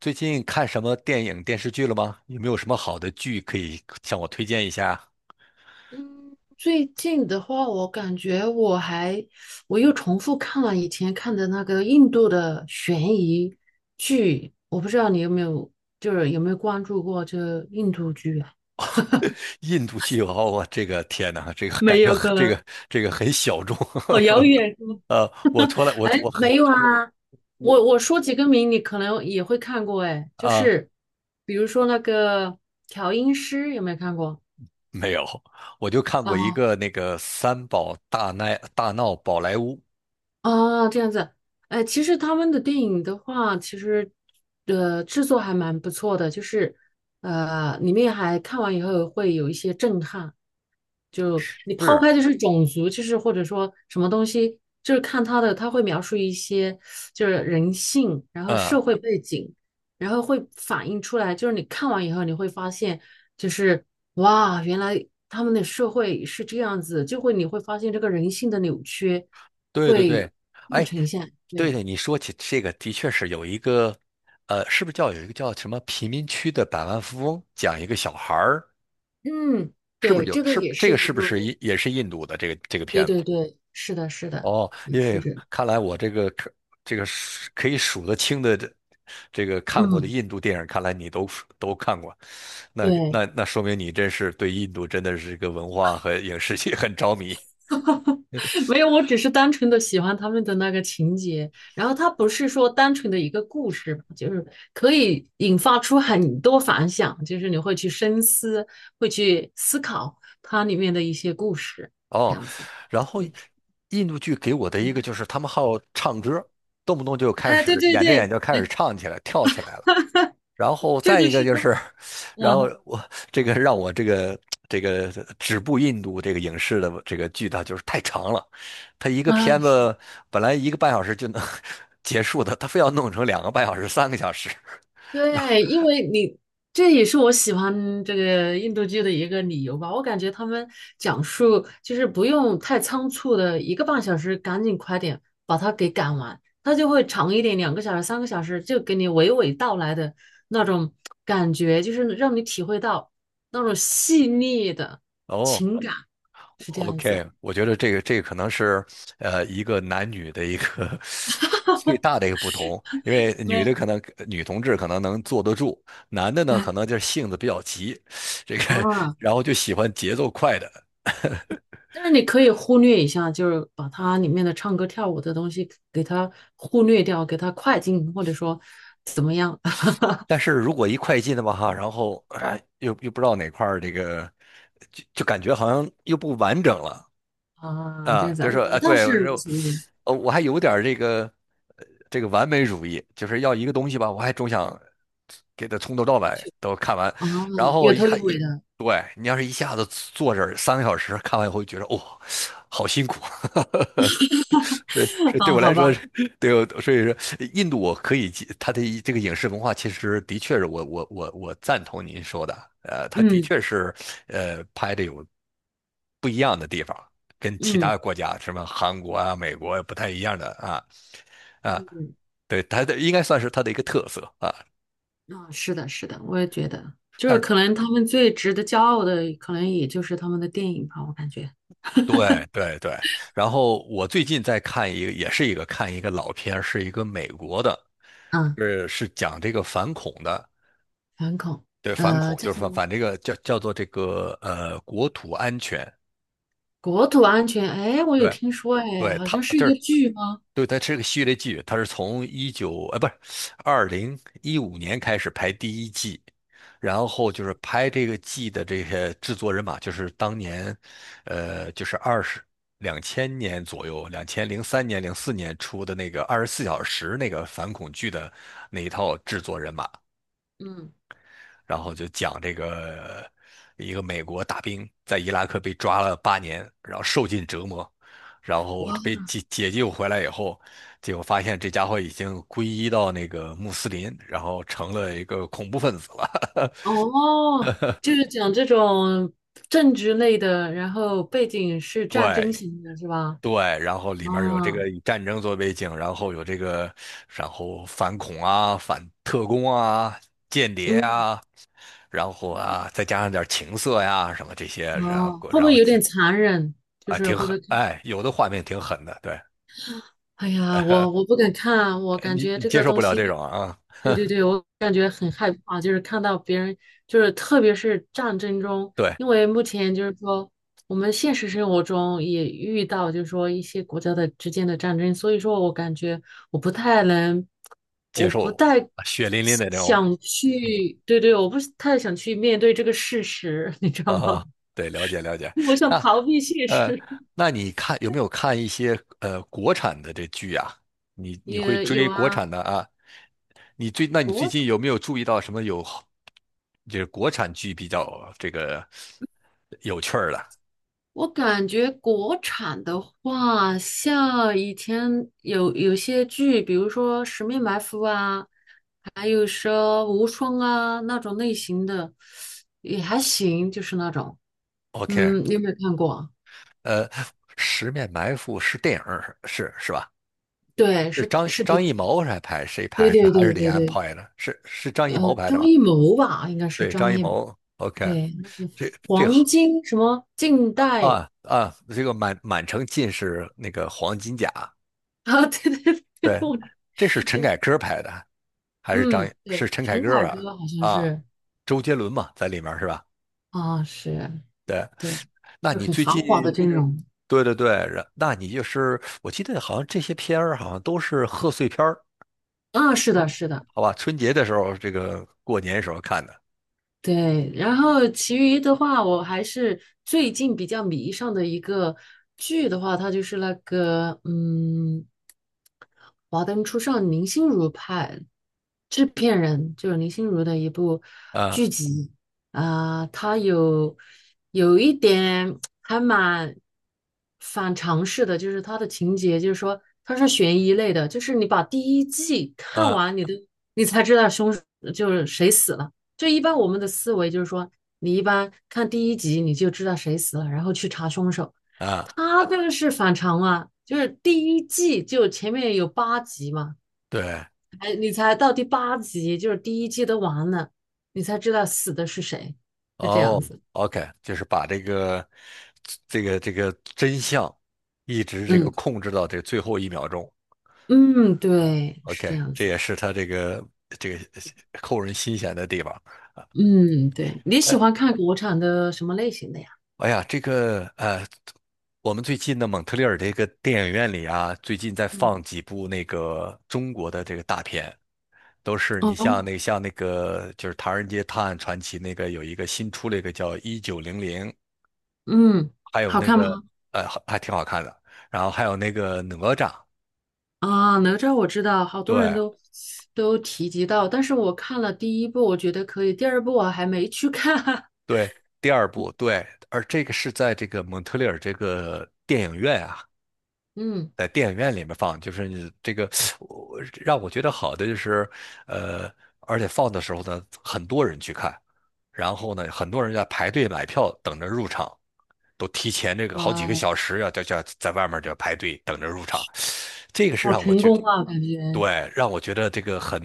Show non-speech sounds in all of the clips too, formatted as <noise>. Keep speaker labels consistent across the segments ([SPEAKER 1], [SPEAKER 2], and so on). [SPEAKER 1] 最近看什么电影、电视剧了吗？有没有什么好的剧可以向我推荐一下？
[SPEAKER 2] 嗯，最近的话，我感觉我又重复看了以前看的那个印度的悬疑剧。我不知道你有没有，就是有没有关注过这个印度剧啊？
[SPEAKER 1] <laughs> 印度剧，哦，我这个天哪，这个感
[SPEAKER 2] 没
[SPEAKER 1] 觉
[SPEAKER 2] 有
[SPEAKER 1] 很，
[SPEAKER 2] 可
[SPEAKER 1] 这
[SPEAKER 2] 能，
[SPEAKER 1] 个这个很小众。
[SPEAKER 2] 好遥远是吗？
[SPEAKER 1] <laughs> 我从来我
[SPEAKER 2] 哎，
[SPEAKER 1] 我很
[SPEAKER 2] 没有
[SPEAKER 1] 我
[SPEAKER 2] 啊，
[SPEAKER 1] 我
[SPEAKER 2] 我说几个名，你可能也会看过。哎，就
[SPEAKER 1] 啊、
[SPEAKER 2] 是比如说那个调音师，有没有看过？
[SPEAKER 1] 没有，我就看过一
[SPEAKER 2] 啊？
[SPEAKER 1] 个那个《三宝大奈大闹宝莱坞》。
[SPEAKER 2] 哦，这样子。哎，其实他们的电影的话，其实制作还蛮不错的，就是里面还看完以后会有一些震撼。就你抛
[SPEAKER 1] 是，
[SPEAKER 2] 开就是种族，就是或者说什么东西，就是看他的，他会描述一些就是人性，然后
[SPEAKER 1] 嗯，
[SPEAKER 2] 社会背景，然后会反映出来。就是你看完以后你会发现，就是哇，原来他们的社会是这样子，就会你会发现这个人性的扭曲。
[SPEAKER 1] 对对
[SPEAKER 2] 会
[SPEAKER 1] 对，
[SPEAKER 2] 更
[SPEAKER 1] 哎，
[SPEAKER 2] 呈现。
[SPEAKER 1] 对
[SPEAKER 2] 对。
[SPEAKER 1] 对，你说起这个，的确是有一个。是不是叫有一个叫什么贫民区的百万富翁，讲一个小孩儿，
[SPEAKER 2] 嗯，
[SPEAKER 1] 是不是
[SPEAKER 2] 对，
[SPEAKER 1] 有？
[SPEAKER 2] 这个
[SPEAKER 1] 是
[SPEAKER 2] 也
[SPEAKER 1] 这
[SPEAKER 2] 是
[SPEAKER 1] 个
[SPEAKER 2] 一
[SPEAKER 1] 是不是
[SPEAKER 2] 部。
[SPEAKER 1] 也是印度的这个
[SPEAKER 2] 对
[SPEAKER 1] 片子？
[SPEAKER 2] 对对，是的，是的，
[SPEAKER 1] 哦，
[SPEAKER 2] 也
[SPEAKER 1] 因
[SPEAKER 2] 是
[SPEAKER 1] 为
[SPEAKER 2] 这样。
[SPEAKER 1] 看来我这个可这个数可以数得清的这个看过的
[SPEAKER 2] 嗯，
[SPEAKER 1] 印度电影，看来你都看过。那
[SPEAKER 2] 对。
[SPEAKER 1] 那那说明你真是对印度真的是一个文化和影视界很着迷。
[SPEAKER 2] <laughs> 没有，我只是单纯的喜欢他们的那个情节，然后它不是说单纯的一个故事吧，就是可以引发出很多反响，就是你会去深思，会去思考它里面的一些故事，这
[SPEAKER 1] 哦，
[SPEAKER 2] 样子。
[SPEAKER 1] 然后
[SPEAKER 2] 嗯，
[SPEAKER 1] 印度剧给我的
[SPEAKER 2] 你
[SPEAKER 1] 一个
[SPEAKER 2] 呢？
[SPEAKER 1] 就是他们好唱歌，动不动就开
[SPEAKER 2] 哎，对
[SPEAKER 1] 始
[SPEAKER 2] 对
[SPEAKER 1] 演着演
[SPEAKER 2] 对，
[SPEAKER 1] 着就开始唱起来、跳起来了。然后
[SPEAKER 2] 这
[SPEAKER 1] 再
[SPEAKER 2] 就
[SPEAKER 1] 一个
[SPEAKER 2] 是
[SPEAKER 1] 就
[SPEAKER 2] 他
[SPEAKER 1] 是，
[SPEAKER 2] 们。
[SPEAKER 1] 然后
[SPEAKER 2] 啊
[SPEAKER 1] 我这个让我这个这个止步印度这个影视的这个剧，它就是太长了，它一个
[SPEAKER 2] 啊，
[SPEAKER 1] 片
[SPEAKER 2] 是。
[SPEAKER 1] 子本来1个半小时就能 <laughs> 结束的，他非要弄成2个半小时、三个小时。<laughs>
[SPEAKER 2] 对，因为你这也是我喜欢这个印度剧的一个理由吧。我感觉他们讲述就是不用太仓促的，一个半小时赶紧快点把它给赶完，它就会长一点，两个小时、三个小时，就给你娓娓道来的那种感觉，就是让你体会到那种细腻的
[SPEAKER 1] 哦
[SPEAKER 2] 情感，是这样子。
[SPEAKER 1] ，OK,我觉得这个可能是一个男女的一个 <laughs> 最大的一个不同。因为
[SPEAKER 2] 没
[SPEAKER 1] 女同志可能能坐得住，男的呢可
[SPEAKER 2] <laughs>
[SPEAKER 1] 能就是性子比较急，这个
[SPEAKER 2] 啊，
[SPEAKER 1] 然后就喜欢节奏快的。
[SPEAKER 2] 但是你可以忽略一下，就是把它里面的唱歌跳舞的东西给它忽略掉，给它快进，或者说怎么样。 <laughs>
[SPEAKER 1] 但是如果一快进的话，哈，然后哎，又不知道哪块儿这个，就感觉好像又不完整了。
[SPEAKER 2] 啊？这
[SPEAKER 1] 啊，
[SPEAKER 2] 样子，
[SPEAKER 1] 就是说，啊，
[SPEAKER 2] 我倒
[SPEAKER 1] 对，我
[SPEAKER 2] 是无
[SPEAKER 1] 说，
[SPEAKER 2] 所谓
[SPEAKER 1] 我还有点儿这个，这个完美主义，就是要一个东西吧，我还总想给它从头到尾都看完，
[SPEAKER 2] 啊，
[SPEAKER 1] 然后
[SPEAKER 2] 有
[SPEAKER 1] 一
[SPEAKER 2] 头
[SPEAKER 1] 下
[SPEAKER 2] 有尾
[SPEAKER 1] 一，
[SPEAKER 2] 的。
[SPEAKER 1] 对，你要是一下子坐这儿三个小时看完以后，觉得哦，好辛苦。<laughs> 所以所
[SPEAKER 2] <laughs>
[SPEAKER 1] 以对
[SPEAKER 2] 啊，
[SPEAKER 1] 我来
[SPEAKER 2] 好
[SPEAKER 1] 说，
[SPEAKER 2] 吧。
[SPEAKER 1] 所以说印度我可以接，它的这个影视文化其实的确是我赞同您说的。它的
[SPEAKER 2] 嗯
[SPEAKER 1] 确是拍的有不一样的地方。跟其他
[SPEAKER 2] 嗯
[SPEAKER 1] 的国家，什么韩国啊、美国啊不太一样的啊，啊，
[SPEAKER 2] 嗯，
[SPEAKER 1] 对，它的应该算是它的一个特色啊。
[SPEAKER 2] 啊，是的，是的，我也觉得，就
[SPEAKER 1] 但
[SPEAKER 2] 是
[SPEAKER 1] 是
[SPEAKER 2] 可能他们最值得骄傲的，可能也就是他们的电影吧，我感觉。
[SPEAKER 1] 对对对，然后我最近在看一个，看一个老片儿是一个美国的，
[SPEAKER 2] 嗯，
[SPEAKER 1] 是讲这个反恐的。
[SPEAKER 2] 反恐。
[SPEAKER 1] 对，反
[SPEAKER 2] 呃，
[SPEAKER 1] 恐
[SPEAKER 2] 叫
[SPEAKER 1] 就是
[SPEAKER 2] 什么？
[SPEAKER 1] 这个叫做这个国土安全。
[SPEAKER 2] 国土安全？哎，我有
[SPEAKER 1] 对
[SPEAKER 2] 听说，哎，
[SPEAKER 1] 对，
[SPEAKER 2] 好
[SPEAKER 1] 他
[SPEAKER 2] 像是
[SPEAKER 1] 就
[SPEAKER 2] 一
[SPEAKER 1] 是
[SPEAKER 2] 个剧吗？
[SPEAKER 1] 对，它是个系列剧，它是从一九，哎，不是，2015年开始拍第一季。然后就是拍这个季的这些制作人马，就是当年，就是2000年左右，2003年、04年出的那个24小时那个反恐剧的那一套制作人马。
[SPEAKER 2] 嗯。
[SPEAKER 1] 然后就讲这个一个美国大兵在伊拉克被抓了8年，然后受尽折磨，然后
[SPEAKER 2] 哇。
[SPEAKER 1] 被解救回来以后，结果发现这家伙已经皈依到那个穆斯林，然后成了一个恐怖分子了。
[SPEAKER 2] 哦，就是讲这种政治类的，然后背景是
[SPEAKER 1] <laughs>
[SPEAKER 2] 战争
[SPEAKER 1] 对
[SPEAKER 2] 型的，是吧？
[SPEAKER 1] 对，然后里面有这
[SPEAKER 2] 啊。
[SPEAKER 1] 个以战争做背景，然后有这个，然后反恐啊、反特工啊、间谍
[SPEAKER 2] 嗯。
[SPEAKER 1] 啊，然后啊，再加上点情色呀、什么这些，然
[SPEAKER 2] 哦，
[SPEAKER 1] 后
[SPEAKER 2] 会不
[SPEAKER 1] 然
[SPEAKER 2] 会
[SPEAKER 1] 后
[SPEAKER 2] 有点残忍？就
[SPEAKER 1] 啊
[SPEAKER 2] 是
[SPEAKER 1] 挺
[SPEAKER 2] 会不
[SPEAKER 1] 狠，
[SPEAKER 2] 会看？
[SPEAKER 1] 哎，有的画面挺狠的，对。
[SPEAKER 2] 哎呀，我
[SPEAKER 1] <laughs>
[SPEAKER 2] 不敢看，我感
[SPEAKER 1] 你
[SPEAKER 2] 觉
[SPEAKER 1] 你
[SPEAKER 2] 这
[SPEAKER 1] 接
[SPEAKER 2] 个
[SPEAKER 1] 受不
[SPEAKER 2] 东
[SPEAKER 1] 了这
[SPEAKER 2] 西。
[SPEAKER 1] 种啊，
[SPEAKER 2] 对对对，我感觉很害怕，就是看到别人，就是特别是战争中，
[SPEAKER 1] 对，
[SPEAKER 2] 因为目前就是说我们现实生活中也遇到，就是说一些国家的之间的战争，所以说我感觉我不太能，
[SPEAKER 1] 接
[SPEAKER 2] 我不
[SPEAKER 1] 受
[SPEAKER 2] 太
[SPEAKER 1] 啊血淋淋的这种
[SPEAKER 2] 想去。对对，我不是太想去面对这个事实，你知道
[SPEAKER 1] 啊。
[SPEAKER 2] 吗？
[SPEAKER 1] 对，了解了解。
[SPEAKER 2] <laughs> 我想
[SPEAKER 1] 那
[SPEAKER 2] 逃避现
[SPEAKER 1] 呃，
[SPEAKER 2] 实。
[SPEAKER 1] 你看有没有看一些国产的这剧啊？你
[SPEAKER 2] <laughs>
[SPEAKER 1] 你会
[SPEAKER 2] 也有
[SPEAKER 1] 追国
[SPEAKER 2] 啊。
[SPEAKER 1] 产的啊？你最
[SPEAKER 2] 国。
[SPEAKER 1] 近有没有注意到什么有就是国产剧比较这个有趣儿的
[SPEAKER 2] 我感觉国产的话，像以前有些剧，比如说《十面埋伏》啊，还有说《无双》啊那种类型的，也还行，就是那种。
[SPEAKER 1] ？OK,
[SPEAKER 2] 嗯，你有没有看过？
[SPEAKER 1] 呃，《十面埋伏》是电影儿，是吧？
[SPEAKER 2] 对，
[SPEAKER 1] 是
[SPEAKER 2] 是是电
[SPEAKER 1] 张艺
[SPEAKER 2] 影。
[SPEAKER 1] 谋来拍，谁
[SPEAKER 2] 对
[SPEAKER 1] 拍？是
[SPEAKER 2] 对
[SPEAKER 1] 还是
[SPEAKER 2] 对
[SPEAKER 1] 李
[SPEAKER 2] 对
[SPEAKER 1] 安
[SPEAKER 2] 对，
[SPEAKER 1] 拍的？是张艺谋
[SPEAKER 2] 呃，
[SPEAKER 1] 拍的
[SPEAKER 2] 张
[SPEAKER 1] 吗？
[SPEAKER 2] 艺谋吧，应该是
[SPEAKER 1] 对，
[SPEAKER 2] 张
[SPEAKER 1] 张艺
[SPEAKER 2] 艺谋。
[SPEAKER 1] 谋。OK,
[SPEAKER 2] 对，那个
[SPEAKER 1] 这这
[SPEAKER 2] 黄金什么近
[SPEAKER 1] 好
[SPEAKER 2] 代
[SPEAKER 1] 啊，这个满城尽是那个黄金甲。
[SPEAKER 2] 啊，<laughs> 对对对，
[SPEAKER 1] 对，
[SPEAKER 2] 我。
[SPEAKER 1] 这是陈凯歌拍的，还是张？
[SPEAKER 2] 嗯，
[SPEAKER 1] 是
[SPEAKER 2] 对，
[SPEAKER 1] 陈凯
[SPEAKER 2] 陈
[SPEAKER 1] 歌
[SPEAKER 2] 凯
[SPEAKER 1] 吧？
[SPEAKER 2] 歌好像
[SPEAKER 1] 啊，
[SPEAKER 2] 是。
[SPEAKER 1] 周杰伦嘛，在里面是吧？
[SPEAKER 2] 啊，是。
[SPEAKER 1] 对，
[SPEAKER 2] 对，
[SPEAKER 1] 那
[SPEAKER 2] 就
[SPEAKER 1] 你
[SPEAKER 2] 很
[SPEAKER 1] 最
[SPEAKER 2] 豪
[SPEAKER 1] 近
[SPEAKER 2] 华的这种。
[SPEAKER 1] 对对对，那你就是我记得好像这些片儿好像都是贺岁片儿。
[SPEAKER 2] 嗯，啊是的，
[SPEAKER 1] 嗯，
[SPEAKER 2] 是的。
[SPEAKER 1] 好吧，春节的时候，这个过年时候看的，
[SPEAKER 2] 对。然后其余的话，我还是最近比较迷上的一个剧的话，它就是那个嗯，《华灯初上》林心如拍，制片人就是林心如的一部
[SPEAKER 1] 啊
[SPEAKER 2] 剧集。啊，它有有一点还蛮反常识的，就是它的情节，就是说它是悬疑类的，就是你把第一季看
[SPEAKER 1] 啊
[SPEAKER 2] 完。你才知道凶手就是谁死了。就一般我们的思维就是说，你一般看第一集你就知道谁死了，然后去查凶手。
[SPEAKER 1] 啊。
[SPEAKER 2] 他这个是反常啊，就是第一季就前面有八集嘛。
[SPEAKER 1] 对，
[SPEAKER 2] 哎，你才到第八集，就是第一季都完了，你才知道死的是谁，是这
[SPEAKER 1] 哦
[SPEAKER 2] 样子。
[SPEAKER 1] ，OK,就是把这个这个真相一直这个
[SPEAKER 2] 嗯
[SPEAKER 1] 控制到这最后一秒钟
[SPEAKER 2] 嗯，对，是这
[SPEAKER 1] ，OK,
[SPEAKER 2] 样
[SPEAKER 1] 这
[SPEAKER 2] 子。
[SPEAKER 1] 也是他这个扣人心弦的地方。
[SPEAKER 2] 嗯，对，你喜欢看国产的什么类型的呀？
[SPEAKER 1] 哎呀，这个我们最近的蒙特利尔这个电影院里啊，最近在
[SPEAKER 2] 嗯。
[SPEAKER 1] 放几部那个中国的这个大片，都是你像
[SPEAKER 2] 哦。
[SPEAKER 1] 那像那个就是《唐人街探案传奇》，那个有一个新出了一个叫《1900》。
[SPEAKER 2] 嗯，
[SPEAKER 1] 还有
[SPEAKER 2] 好
[SPEAKER 1] 那
[SPEAKER 2] 看
[SPEAKER 1] 个
[SPEAKER 2] 吗？
[SPEAKER 1] 还挺好看的。然后还有那个哪吒，
[SPEAKER 2] 啊，哪吒我知道，好多人
[SPEAKER 1] 对
[SPEAKER 2] 都都提及到，但是我看了第一部，我觉得可以，第二部我还没去看。<laughs>
[SPEAKER 1] 对，第二部对，而这个是在这个蒙特利尔这个电影院啊，
[SPEAKER 2] 嗯。
[SPEAKER 1] 在电影院里面放，就是你这个我让我觉得好的就是，呃，而且放的时候呢，很多人去看，然后呢，很多人在排队买票等着入场。都提前这个好几个
[SPEAKER 2] 哇，
[SPEAKER 1] 小时要在外面就排队等着入场，这个是
[SPEAKER 2] 好
[SPEAKER 1] 让我
[SPEAKER 2] 成
[SPEAKER 1] 觉，
[SPEAKER 2] 功啊，感觉
[SPEAKER 1] 对，让我觉得这个很，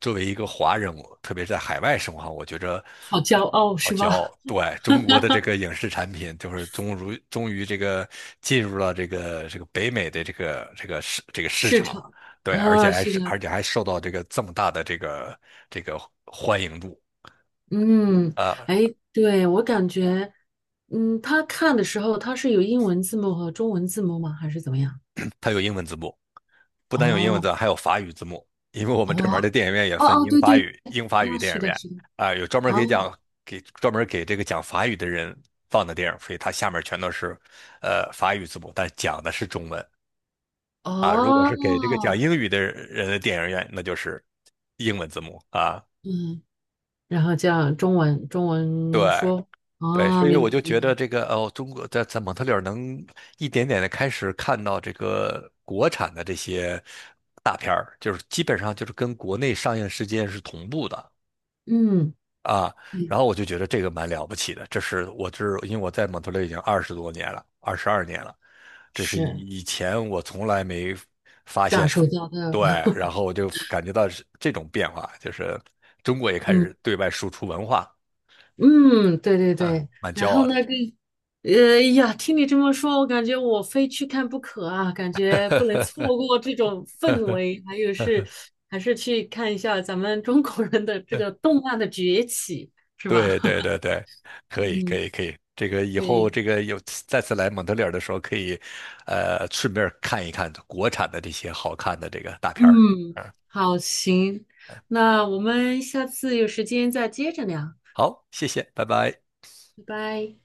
[SPEAKER 1] 作为一个华人，我特别是在海外生活，我觉着
[SPEAKER 2] 好骄
[SPEAKER 1] 呃
[SPEAKER 2] 傲
[SPEAKER 1] 好
[SPEAKER 2] 是
[SPEAKER 1] 骄傲。
[SPEAKER 2] 吧？<laughs>
[SPEAKER 1] 对，中国的这个影视产品，就是终于这个进入了这个北美的这个这个市
[SPEAKER 2] 市
[SPEAKER 1] 场。
[SPEAKER 2] 场。
[SPEAKER 1] 对，
[SPEAKER 2] 啊，是
[SPEAKER 1] 而
[SPEAKER 2] 的。
[SPEAKER 1] 且还受到这个这么大的这个这个欢迎度
[SPEAKER 2] 嗯。
[SPEAKER 1] 啊。
[SPEAKER 2] 哎，对，我感觉。嗯，他看的时候他是有英文字幕和中文字幕吗？还是怎么样？
[SPEAKER 1] 它有英文字幕，不单有英文
[SPEAKER 2] 哦。
[SPEAKER 1] 字，还有法语字幕，因为我
[SPEAKER 2] 哦。
[SPEAKER 1] 们这门儿的电影院也
[SPEAKER 2] 哦
[SPEAKER 1] 分
[SPEAKER 2] 哦，
[SPEAKER 1] 英
[SPEAKER 2] 对
[SPEAKER 1] 法
[SPEAKER 2] 对。
[SPEAKER 1] 语，
[SPEAKER 2] 啊，
[SPEAKER 1] 电
[SPEAKER 2] 是
[SPEAKER 1] 影
[SPEAKER 2] 的，
[SPEAKER 1] 院
[SPEAKER 2] 是的。
[SPEAKER 1] 啊，有专门儿给
[SPEAKER 2] 哦。
[SPEAKER 1] 讲给专门儿给这个讲法语的人放的电影，所以它下面全都是法语字幕，但讲的是中文啊。如果是给这个讲
[SPEAKER 2] 哦。
[SPEAKER 1] 英语的人的电影院，那就是英文字幕啊。
[SPEAKER 2] 嗯。然后叫中文中文
[SPEAKER 1] 对，
[SPEAKER 2] 说。
[SPEAKER 1] 对，
[SPEAKER 2] 啊，
[SPEAKER 1] 所以
[SPEAKER 2] 明白
[SPEAKER 1] 我就
[SPEAKER 2] 明
[SPEAKER 1] 觉
[SPEAKER 2] 白。
[SPEAKER 1] 得这个哦，中国在蒙特利尔能一点点的开始看到这个国产的这些大片儿，就是基本上就是跟国内上映时间是同步的
[SPEAKER 2] 嗯，
[SPEAKER 1] 啊。
[SPEAKER 2] 对，
[SPEAKER 1] 然后我就觉得这个蛮了不起的，这是因为我在蒙特利尔已经20多年了，22年了，这是
[SPEAKER 2] 是
[SPEAKER 1] 以前我从来没发现
[SPEAKER 2] 感
[SPEAKER 1] 的。
[SPEAKER 2] 受到的。
[SPEAKER 1] 对，然
[SPEAKER 2] <laughs>
[SPEAKER 1] 后我就感觉到是这种变化，就是中国也开
[SPEAKER 2] 嗯
[SPEAKER 1] 始对外输出文化，
[SPEAKER 2] 嗯，对对
[SPEAKER 1] 嗯，
[SPEAKER 2] 对。
[SPEAKER 1] 蛮
[SPEAKER 2] 然
[SPEAKER 1] 骄
[SPEAKER 2] 后
[SPEAKER 1] 傲的。
[SPEAKER 2] 那个，呃呀，听你这么说，我感觉我非去看不可啊，感觉不能错过这种氛围，还有是还是去看一下咱们中国人的这
[SPEAKER 1] <laughs>
[SPEAKER 2] 个动漫的崛起，是吧？
[SPEAKER 1] 对对
[SPEAKER 2] <laughs>
[SPEAKER 1] 对对，可以可
[SPEAKER 2] 嗯，
[SPEAKER 1] 以可以，这个以后
[SPEAKER 2] 对。
[SPEAKER 1] 这个有再次来蒙特利尔的时候，可以，顺便看一看国产的这些好看的这个大片儿。
[SPEAKER 2] 嗯，
[SPEAKER 1] 嗯，
[SPEAKER 2] 好，行，那我们下次有时间再接着聊。
[SPEAKER 1] 好，谢谢，拜拜。
[SPEAKER 2] 拜拜。